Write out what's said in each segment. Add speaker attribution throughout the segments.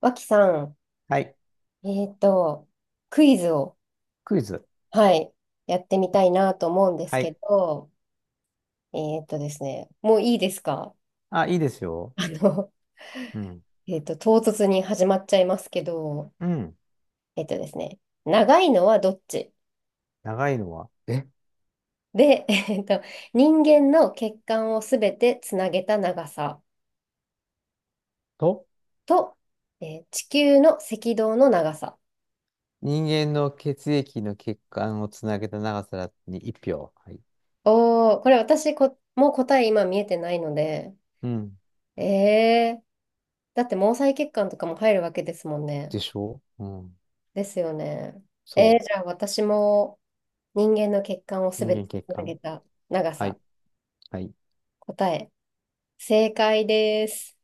Speaker 1: 脇さ
Speaker 2: はい。
Speaker 1: ん、クイズを、
Speaker 2: クイズ。
Speaker 1: はい、やってみたいなと思うんです
Speaker 2: は
Speaker 1: け
Speaker 2: い。
Speaker 1: ど、えっとですね、もういいですか？
Speaker 2: あ、いいですよ。
Speaker 1: あの、
Speaker 2: うん。
Speaker 1: 唐突に始まっちゃいますけど、
Speaker 2: うん。
Speaker 1: えっとですね、長いのはどっち
Speaker 2: 長いのは、
Speaker 1: で、人間の血管をすべてつなげた長さ
Speaker 2: と、
Speaker 1: と、地球の赤道の長さ。
Speaker 2: 人間の血液の血管をつなげた長さに1票。はい。
Speaker 1: おー、これもう答え今見えてないので、
Speaker 2: うん。
Speaker 1: えー、だって毛細血管とかも入るわけですもんね。
Speaker 2: でしょう。うん。
Speaker 1: ですよね。
Speaker 2: そ
Speaker 1: じゃあ私も人間の血管を
Speaker 2: う。
Speaker 1: す
Speaker 2: 人
Speaker 1: べて
Speaker 2: 間血
Speaker 1: つなげ
Speaker 2: 管。
Speaker 1: た長
Speaker 2: は
Speaker 1: さ、
Speaker 2: い。はい。
Speaker 1: 答え、正解です。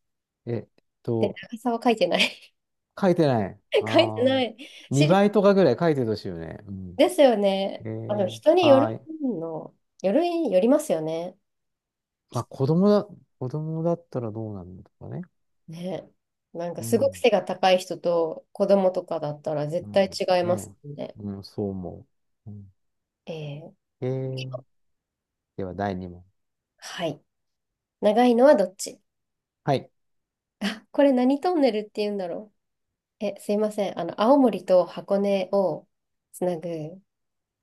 Speaker 2: えっ
Speaker 1: で、
Speaker 2: と、
Speaker 1: 長さは書いてない。
Speaker 2: 書いてない。あ
Speaker 1: 書いてな
Speaker 2: あ。
Speaker 1: い。知り、
Speaker 2: 2倍とかぐらい書いてほしいよね。うん。
Speaker 1: ですよね。
Speaker 2: え
Speaker 1: あの、
Speaker 2: ー、
Speaker 1: 人によ
Speaker 2: は
Speaker 1: る
Speaker 2: ーい。
Speaker 1: の、よる、よりますよね。
Speaker 2: まあ、子供だったらどうなんだとかね。
Speaker 1: ね。なんか
Speaker 2: う
Speaker 1: すごく
Speaker 2: ん。
Speaker 1: 背が高い人と子供とかだったら
Speaker 2: う
Speaker 1: 絶
Speaker 2: ん、
Speaker 1: 対違います
Speaker 2: ね
Speaker 1: よね。
Speaker 2: え。うん、そう思う。うん、
Speaker 1: えー、
Speaker 2: えーでは、第2問。
Speaker 1: はい。長いのはどっち？
Speaker 2: はい。
Speaker 1: あ、これ何トンネルって言うんだろう。すいません。青森と箱根をつなぐ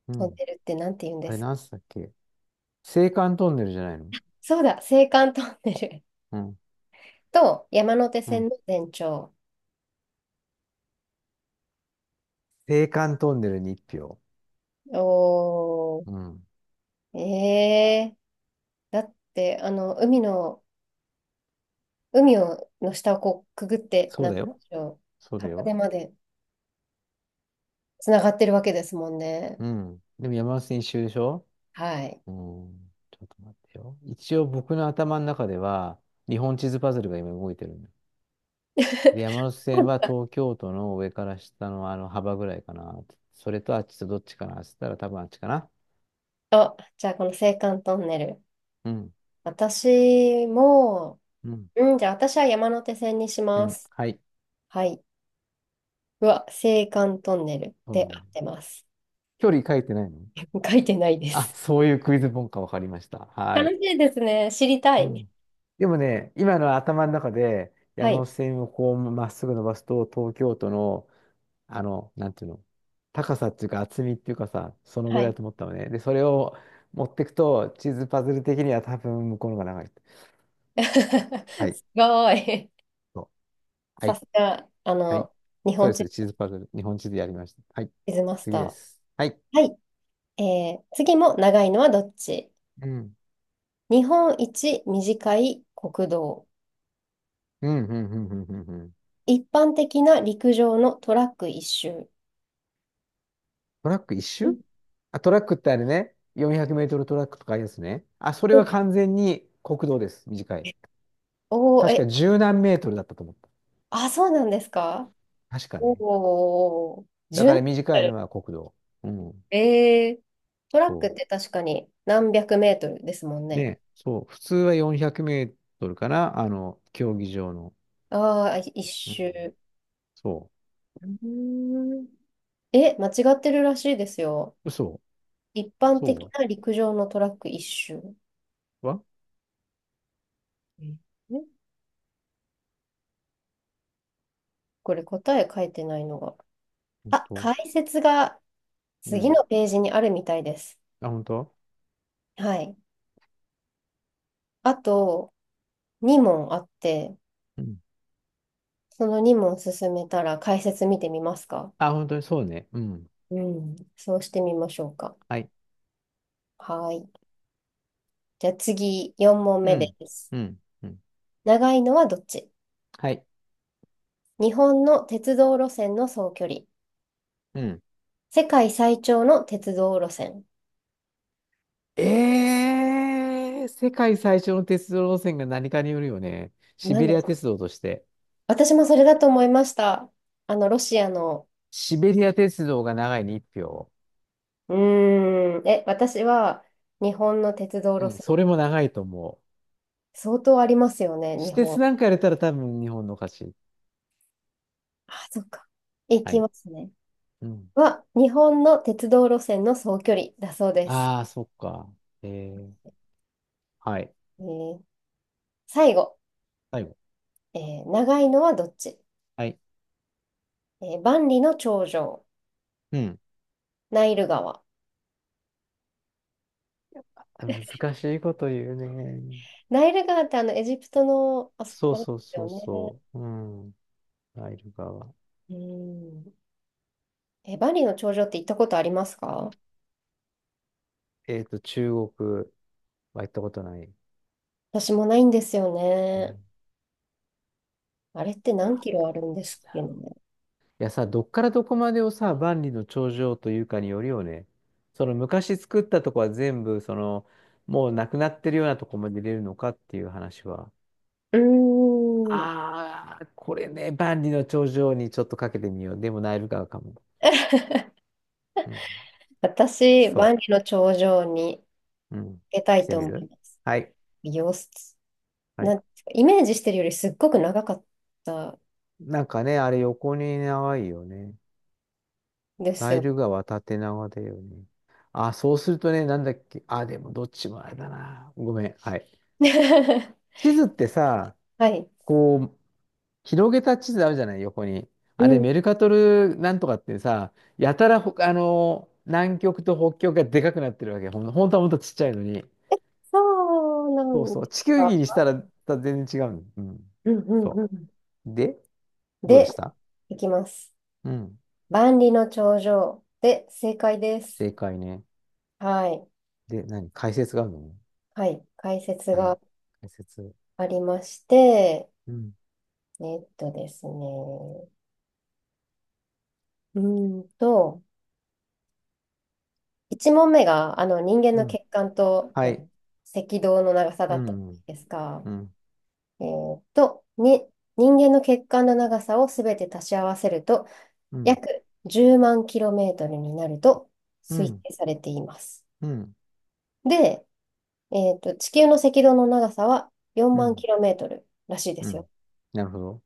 Speaker 2: う
Speaker 1: トン
Speaker 2: ん。
Speaker 1: ネルってなんて言うんで
Speaker 2: あれ、
Speaker 1: すか？
Speaker 2: なんすったっけ？青函トンネルじゃないの？
Speaker 1: そうだ、青函トンネル。
Speaker 2: うん。
Speaker 1: と山手
Speaker 2: うん。
Speaker 1: 線の全長。
Speaker 2: 青函トンネルに1票。
Speaker 1: お
Speaker 2: うん。
Speaker 1: ー、だって、海をの下をこうくぐって、
Speaker 2: そう
Speaker 1: なん
Speaker 2: だ
Speaker 1: て言う
Speaker 2: よ。
Speaker 1: んでしょう、
Speaker 2: そうだ
Speaker 1: 箱
Speaker 2: よ。
Speaker 1: 根までつながってるわけですもんね。
Speaker 2: うん。でも山手線一周でしょ？
Speaker 1: はい。
Speaker 2: うん。ちょっと待ってよ。一応僕の頭の中では、日本地図パズルが今動いてるんだ。で、山手線は東京都の上から下のあの幅ぐらいかな。それとあっちとどっちかなって言ったら多分あっちかな。
Speaker 1: あ、じゃあこの青函トンネル。
Speaker 2: うん。
Speaker 1: 私も、
Speaker 2: うん。
Speaker 1: うん、じゃあ私は山手線にし
Speaker 2: え
Speaker 1: ま
Speaker 2: ん
Speaker 1: す。
Speaker 2: はい。
Speaker 1: はい。うわ、青函トンネル
Speaker 2: ト
Speaker 1: で
Speaker 2: ンネ
Speaker 1: 合
Speaker 2: ル
Speaker 1: ってます。
Speaker 2: 距離書いてないの？
Speaker 1: 書いてないで
Speaker 2: あ、
Speaker 1: す。
Speaker 2: そういうクイズ本か。分かりました。は
Speaker 1: 楽
Speaker 2: い。
Speaker 1: しいですね。知りた
Speaker 2: う
Speaker 1: い。
Speaker 2: ん。でもね、今の頭の中で
Speaker 1: は
Speaker 2: 山
Speaker 1: い。
Speaker 2: 手線をこうまっすぐ伸ばすと、東京都の、あの、なんていうの、高さっていうか厚みっていうかさ、そのぐ
Speaker 1: は
Speaker 2: らいだ
Speaker 1: い。
Speaker 2: と思ったのね。で、それを持ってくと、地図パズル的には多分向こうの方が長い。は い。
Speaker 1: すごい。
Speaker 2: そうは
Speaker 1: さ
Speaker 2: い。
Speaker 1: すが、
Speaker 2: はい。
Speaker 1: 日
Speaker 2: そう
Speaker 1: 本
Speaker 2: です。
Speaker 1: 地
Speaker 2: 地図パズル。日本地図やりました。はい。
Speaker 1: 図マス
Speaker 2: 次で
Speaker 1: タ
Speaker 2: す。はい。
Speaker 1: ー。はい。次も長いのはどっち？
Speaker 2: うん。
Speaker 1: 日本一短い国道。
Speaker 2: うん、うん、うん、うん、うん。うん。
Speaker 1: 一般的な陸上のトラック一周。
Speaker 2: トラック一
Speaker 1: う
Speaker 2: 周？
Speaker 1: ん。
Speaker 2: あ、トラックってあれね、400メートルトラックとかありますね。あ、それは
Speaker 1: お
Speaker 2: 完全に国道です。短い。
Speaker 1: おー、
Speaker 2: 確か十何メートルだったと思った。
Speaker 1: あ、そうなんですか？
Speaker 2: 確かね。
Speaker 1: おおー、
Speaker 2: だ
Speaker 1: 1
Speaker 2: か
Speaker 1: 7
Speaker 2: ら
Speaker 1: キ
Speaker 2: 短
Speaker 1: ロ
Speaker 2: いの
Speaker 1: ル。
Speaker 2: は国道。うん。
Speaker 1: ええ、トラック
Speaker 2: そ
Speaker 1: って確かに何百メートルですもん
Speaker 2: う。
Speaker 1: ね。
Speaker 2: で、そう。普通は400メートルかな。あの、競技場の。
Speaker 1: ああ、一
Speaker 2: うん。
Speaker 1: 周。
Speaker 2: そ
Speaker 1: うーん。間違ってるらしいですよ。
Speaker 2: う。嘘。
Speaker 1: 一般的
Speaker 2: そ
Speaker 1: な陸上のトラック一周。
Speaker 2: うは
Speaker 1: ええ、これ答え書いてないのが。
Speaker 2: 本
Speaker 1: あ、
Speaker 2: 当？
Speaker 1: 解説が
Speaker 2: う
Speaker 1: 次
Speaker 2: ん。
Speaker 1: のページにあるみたいです。
Speaker 2: あ、本当？
Speaker 1: はい。あと2問あって、
Speaker 2: うん。
Speaker 1: その2問進めたら解説見てみますか？
Speaker 2: あ、本当にそうね。うん。
Speaker 1: うん。そうしてみましょうか。
Speaker 2: はい。
Speaker 1: はい。じゃあ次4問
Speaker 2: う
Speaker 1: 目で
Speaker 2: ん。
Speaker 1: す。
Speaker 2: うん。うん。
Speaker 1: 長いのはどっち？
Speaker 2: はい。
Speaker 1: 日本の鉄道路線の総距離。
Speaker 2: うん。
Speaker 1: 世界最長の鉄道路線。
Speaker 2: ええ世界最初の鉄道路線が何かによるよね。シ
Speaker 1: なん
Speaker 2: ベリ
Speaker 1: で
Speaker 2: ア鉄道として。
Speaker 1: 私もそれだと思いました。ロシアの。
Speaker 2: シベリア鉄道が長いに1票。
Speaker 1: うーん。私は日本の鉄道
Speaker 2: う
Speaker 1: 路
Speaker 2: ん、
Speaker 1: 線。
Speaker 2: それも長いと思う。
Speaker 1: 相当ありますよね、
Speaker 2: 私
Speaker 1: 日
Speaker 2: 鉄
Speaker 1: 本。
Speaker 2: なんかやれたら多分日本の勝ち。
Speaker 1: あ、そっか。行
Speaker 2: は
Speaker 1: き
Speaker 2: い。
Speaker 1: ますね。
Speaker 2: うん。
Speaker 1: 日本の鉄道路線の総距離だそうです。
Speaker 2: ああ、そっか。ええはい。
Speaker 1: えー最後、
Speaker 2: 最後。
Speaker 1: え長いのはどっち？
Speaker 2: はい。
Speaker 1: 万里の長城、
Speaker 2: うん。
Speaker 1: ナイル川。
Speaker 2: 難しいこと言うね。
Speaker 1: ナイル川ってあのエジプトの、あそ
Speaker 2: そう
Speaker 1: こあれで
Speaker 2: そう
Speaker 1: す
Speaker 2: そう
Speaker 1: よね。
Speaker 2: そう。うん。ナイル川。
Speaker 1: うん。バリの頂上って行ったことありますか？
Speaker 2: 中国は行ったことない。
Speaker 1: 私もないんですよ
Speaker 2: い
Speaker 1: ね。あれって何キロあるんですっけね。
Speaker 2: いやさ、どっからどこまでをさ、万里の長城というかによるよね。その昔作ったとこは全部、その、もうなくなってるようなとこまで入れるのかっていう話は。
Speaker 1: うーん。
Speaker 2: ああ、これね、万里の長城にちょっとかけてみよう。でもナイル川かも。うん。
Speaker 1: 私、
Speaker 2: そ
Speaker 1: バリの頂上に行
Speaker 2: う。うん。
Speaker 1: けた
Speaker 2: し
Speaker 1: い
Speaker 2: て
Speaker 1: と
Speaker 2: み
Speaker 1: 思い
Speaker 2: る？
Speaker 1: ます。
Speaker 2: はい。
Speaker 1: 様子、
Speaker 2: はい。
Speaker 1: なんていうかイメージしてるよりすっごく長かった
Speaker 2: なんかね、あれ横に長いよね。
Speaker 1: です
Speaker 2: ナイ
Speaker 1: よ。
Speaker 2: ル川縦長だよね。あ、そうするとね、なんだっけ。あ、でもどっちもあれだな。ごめん。はい。地図ってさ、
Speaker 1: はい。
Speaker 2: こう、広げた地図あるじゃない、横に。
Speaker 1: う
Speaker 2: あれ、
Speaker 1: ん。
Speaker 2: メルカトルなんとかってさ、やたらほ、あの南極と北極がでかくなってるわけ。本当はもっとちっちゃいのに。
Speaker 1: そうな
Speaker 2: そう
Speaker 1: ん
Speaker 2: そ
Speaker 1: で
Speaker 2: う。
Speaker 1: す
Speaker 2: 地球
Speaker 1: か？
Speaker 2: 儀にしたら、た全然違うの。うん。
Speaker 1: うんうんう
Speaker 2: そ
Speaker 1: ん。
Speaker 2: う。で、どうで
Speaker 1: で、
Speaker 2: した？
Speaker 1: 行きます。
Speaker 2: うん。
Speaker 1: 万里の長城で正解です。
Speaker 2: 正解ね。
Speaker 1: はい。
Speaker 2: で、何解説があるの？
Speaker 1: はい。解説
Speaker 2: はい。
Speaker 1: が
Speaker 2: 解説。
Speaker 1: ありまして、
Speaker 2: うん。
Speaker 1: えっとですね。うーんと、1問目が、人間
Speaker 2: う
Speaker 1: の
Speaker 2: ん。
Speaker 1: 血管と
Speaker 2: はい。
Speaker 1: 赤道の長さ
Speaker 2: う
Speaker 1: だったん
Speaker 2: ん。
Speaker 1: ですが、
Speaker 2: うん。
Speaker 1: えっと、に、人間の血管の長さをすべて足し合わせると、
Speaker 2: うん。
Speaker 1: 約10万キロメートルになると
Speaker 2: う
Speaker 1: 推
Speaker 2: ん。
Speaker 1: 定されています。
Speaker 2: うん。
Speaker 1: で、地球の赤道の長さは4
Speaker 2: う
Speaker 1: 万
Speaker 2: ん。
Speaker 1: キロメートルらしいで
Speaker 2: う
Speaker 1: す
Speaker 2: ん。
Speaker 1: よ。
Speaker 2: なるほど。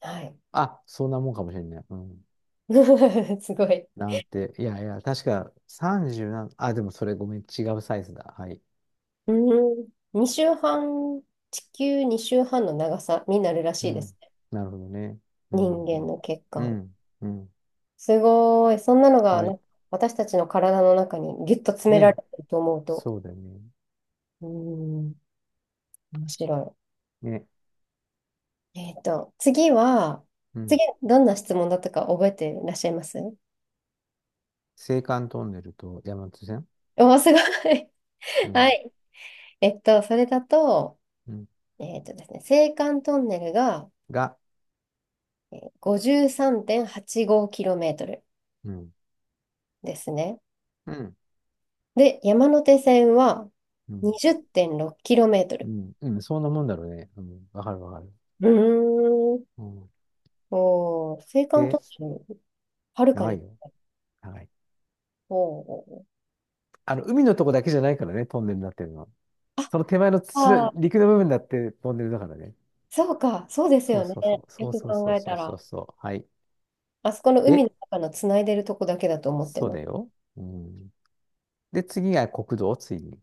Speaker 1: はい。
Speaker 2: あ、そんなもんかもしれない。うん。
Speaker 1: すごい。
Speaker 2: なんて、いやいや、確か30な、あ、でもそれごめん、違うサイズだ。はい。
Speaker 1: うん。2週半、地球2週半の長さになるら
Speaker 2: う
Speaker 1: しいで
Speaker 2: ん。
Speaker 1: すね。
Speaker 2: なるほどね。う
Speaker 1: 人
Speaker 2: ん。
Speaker 1: 間の血
Speaker 2: う
Speaker 1: 管。
Speaker 2: ん。うん。うん。
Speaker 1: すごい。そんなのが
Speaker 2: はい。
Speaker 1: な、私たちの体の中にギュッと詰めら
Speaker 2: で、
Speaker 1: れてると思うと。
Speaker 2: そうだよね。
Speaker 1: うん。面白
Speaker 2: ね。
Speaker 1: い。
Speaker 2: う
Speaker 1: 次、
Speaker 2: ん。
Speaker 1: どんな質問だったか覚えていらっしゃいます
Speaker 2: 青函トンネルと山手線。
Speaker 1: おー、すごい。
Speaker 2: う
Speaker 1: は
Speaker 2: ん。
Speaker 1: い。それだと、
Speaker 2: うん。
Speaker 1: えっとですね、青函トンネルが
Speaker 2: が、
Speaker 1: 5 3 8 5トル
Speaker 2: うん。
Speaker 1: ですね。
Speaker 2: うん。
Speaker 1: で、山手線は
Speaker 2: う
Speaker 1: 2
Speaker 2: ん。
Speaker 1: 0 6キロメート
Speaker 2: う
Speaker 1: ル。
Speaker 2: ん。うん。そんなもんだろうね。うん。わかるわかる。
Speaker 1: うーん。
Speaker 2: うん。
Speaker 1: おー、青函
Speaker 2: で、
Speaker 1: トンネル、はるか
Speaker 2: 長い
Speaker 1: に。
Speaker 2: よ。長い。
Speaker 1: おー。
Speaker 2: あの、海のとこだけじゃないからね、トンネルになってるのは。
Speaker 1: あ、
Speaker 2: その手前の土
Speaker 1: あ
Speaker 2: の、
Speaker 1: ー
Speaker 2: 陸の部分だってトンネルだからね。
Speaker 1: そうか、そうです
Speaker 2: そう
Speaker 1: よね。
Speaker 2: そうそう、
Speaker 1: よ
Speaker 2: そう
Speaker 1: く
Speaker 2: そうそ
Speaker 1: 考
Speaker 2: う
Speaker 1: え
Speaker 2: そ
Speaker 1: た
Speaker 2: うそう
Speaker 1: ら。
Speaker 2: そう。はい。
Speaker 1: あそこの海の
Speaker 2: で、
Speaker 1: 中のつないでるとこだけだと思って
Speaker 2: そう
Speaker 1: ま
Speaker 2: だ
Speaker 1: す。
Speaker 2: よ。うん。で、次が国道、次。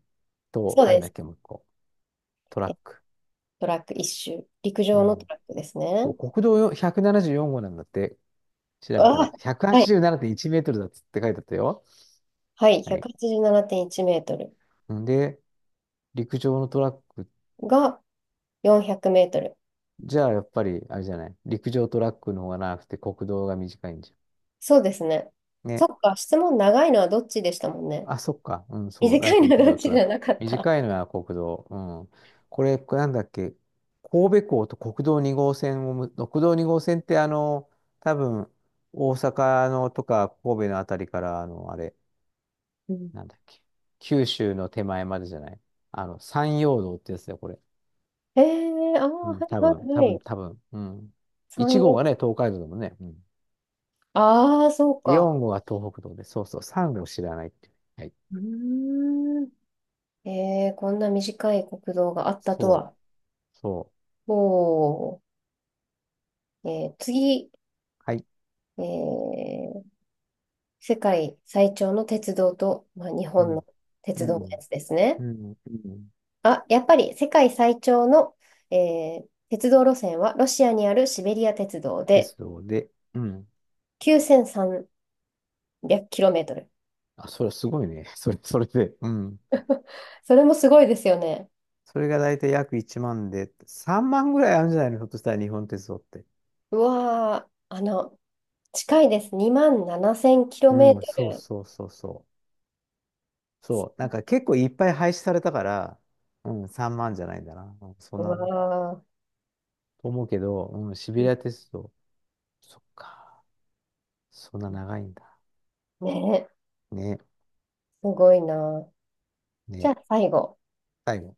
Speaker 2: と、
Speaker 1: そう
Speaker 2: なん
Speaker 1: で
Speaker 2: だっ
Speaker 1: す。
Speaker 2: け、もう一個。トラ
Speaker 1: え
Speaker 2: ック。
Speaker 1: トラック一周。陸
Speaker 2: う
Speaker 1: 上のト
Speaker 2: ん。
Speaker 1: ラックです
Speaker 2: そ
Speaker 1: ね。
Speaker 2: う国道よ174号なんだって、調べたら。
Speaker 1: あ、
Speaker 2: 187.1
Speaker 1: はい。
Speaker 2: メートルだっつって書いてあったよ。
Speaker 1: はい、
Speaker 2: はい。
Speaker 1: 187.1メートル
Speaker 2: んで、陸上のトラック、
Speaker 1: が400メートル。
Speaker 2: じゃあやっぱり、あれじゃない。陸上トラックの方が長くて国道が短いんじ
Speaker 1: そうですね。
Speaker 2: ゃん。
Speaker 1: そ
Speaker 2: ね。
Speaker 1: っか、質問長いのはどっちでしたもんね。
Speaker 2: あ、そっか。うん、そう。
Speaker 1: 短
Speaker 2: だと
Speaker 1: いの
Speaker 2: 陸
Speaker 1: はどっ
Speaker 2: 上ト
Speaker 1: ちじ
Speaker 2: ラッ
Speaker 1: ゃ
Speaker 2: ク。
Speaker 1: なかった。
Speaker 2: 短いのは国道。うん。これ、なんだっけ。神戸港と国道2号線をむ、国道2号線ってあの、多分、大阪のとか神戸のあたりから、あの、あれ、
Speaker 1: うん。
Speaker 2: なんだっけ。九州の手前までじゃない。あの、山陽道ってやつだよ、これ。
Speaker 1: ああ、
Speaker 2: う
Speaker 1: は
Speaker 2: ん、
Speaker 1: いはいはい。
Speaker 2: 多分。うん。
Speaker 1: 3、
Speaker 2: 1号が
Speaker 1: 4。
Speaker 2: ね、東海道だもんね。うん。
Speaker 1: ああ、そうか。
Speaker 2: 4号は東北道で、そうそう、3号知らないっていう。はい。
Speaker 1: うーん。こんな短い国道があったと
Speaker 2: そ
Speaker 1: は。
Speaker 2: う、そう。
Speaker 1: おー。次、
Speaker 2: はい。
Speaker 1: えー、世界最長の鉄道と、まあ、日
Speaker 2: う
Speaker 1: 本
Speaker 2: ん。
Speaker 1: の
Speaker 2: う
Speaker 1: 鉄道のや
Speaker 2: ん。
Speaker 1: つですね。
Speaker 2: うん、うん。
Speaker 1: あ、やっぱり世界最長の、鉄道路線はロシアにあるシベリア鉄道
Speaker 2: です
Speaker 1: で
Speaker 2: ので、うん。
Speaker 1: 9300km。
Speaker 2: あ、それはすごいね。それ、それで、うん。
Speaker 1: それもすごいですよね。
Speaker 2: それが大体約1万で、3万ぐらいあるんじゃないの？ひょっとしたら日本鉄道って。
Speaker 1: うわー、近いです。2万
Speaker 2: うん、そう
Speaker 1: 7000km。
Speaker 2: そうそうそう。そう、なんか結構いっぱい廃止されたから、うん、3万じゃないんだな。うん、そ
Speaker 1: う
Speaker 2: んな、と
Speaker 1: わ
Speaker 2: 思うけど、うん、シベリア
Speaker 1: ー、
Speaker 2: 鉄道。そっか。そんな長いんだ。
Speaker 1: ねえ、
Speaker 2: ね、
Speaker 1: すごいな。じゃ
Speaker 2: ね。
Speaker 1: あ最後。
Speaker 2: 最後。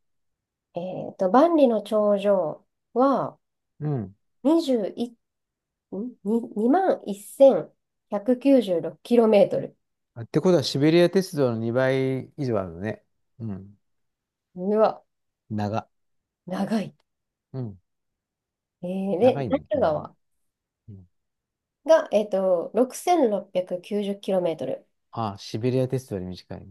Speaker 1: え万里の長城は
Speaker 2: うん。
Speaker 1: 21、2万1ロ9 6 k m。
Speaker 2: あってことはシベリア鉄道の2倍以上あるのね。うん。
Speaker 1: うわ、
Speaker 2: 長。
Speaker 1: 長い。
Speaker 2: うん。
Speaker 1: で、
Speaker 2: 長い
Speaker 1: ナイ
Speaker 2: ね。う
Speaker 1: ル
Speaker 2: ん。
Speaker 1: 川
Speaker 2: うん。
Speaker 1: が、6690キロメートル。
Speaker 2: あ、シベリアテストより短い。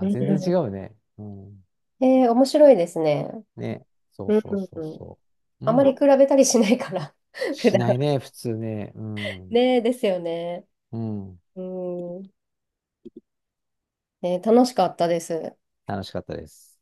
Speaker 1: うん。
Speaker 2: 全然違うね。うん。
Speaker 1: 面白いですね。
Speaker 2: ね。そう
Speaker 1: うん、
Speaker 2: そうそう
Speaker 1: うん。
Speaker 2: そう。
Speaker 1: あ
Speaker 2: う
Speaker 1: まり
Speaker 2: ん。
Speaker 1: 比べたりしないから 普
Speaker 2: し
Speaker 1: 段。
Speaker 2: ないね、普通ね。うん。
Speaker 1: ねえ、ですよね。
Speaker 2: うん。
Speaker 1: うん。ね楽しかったです。
Speaker 2: 楽しかったです。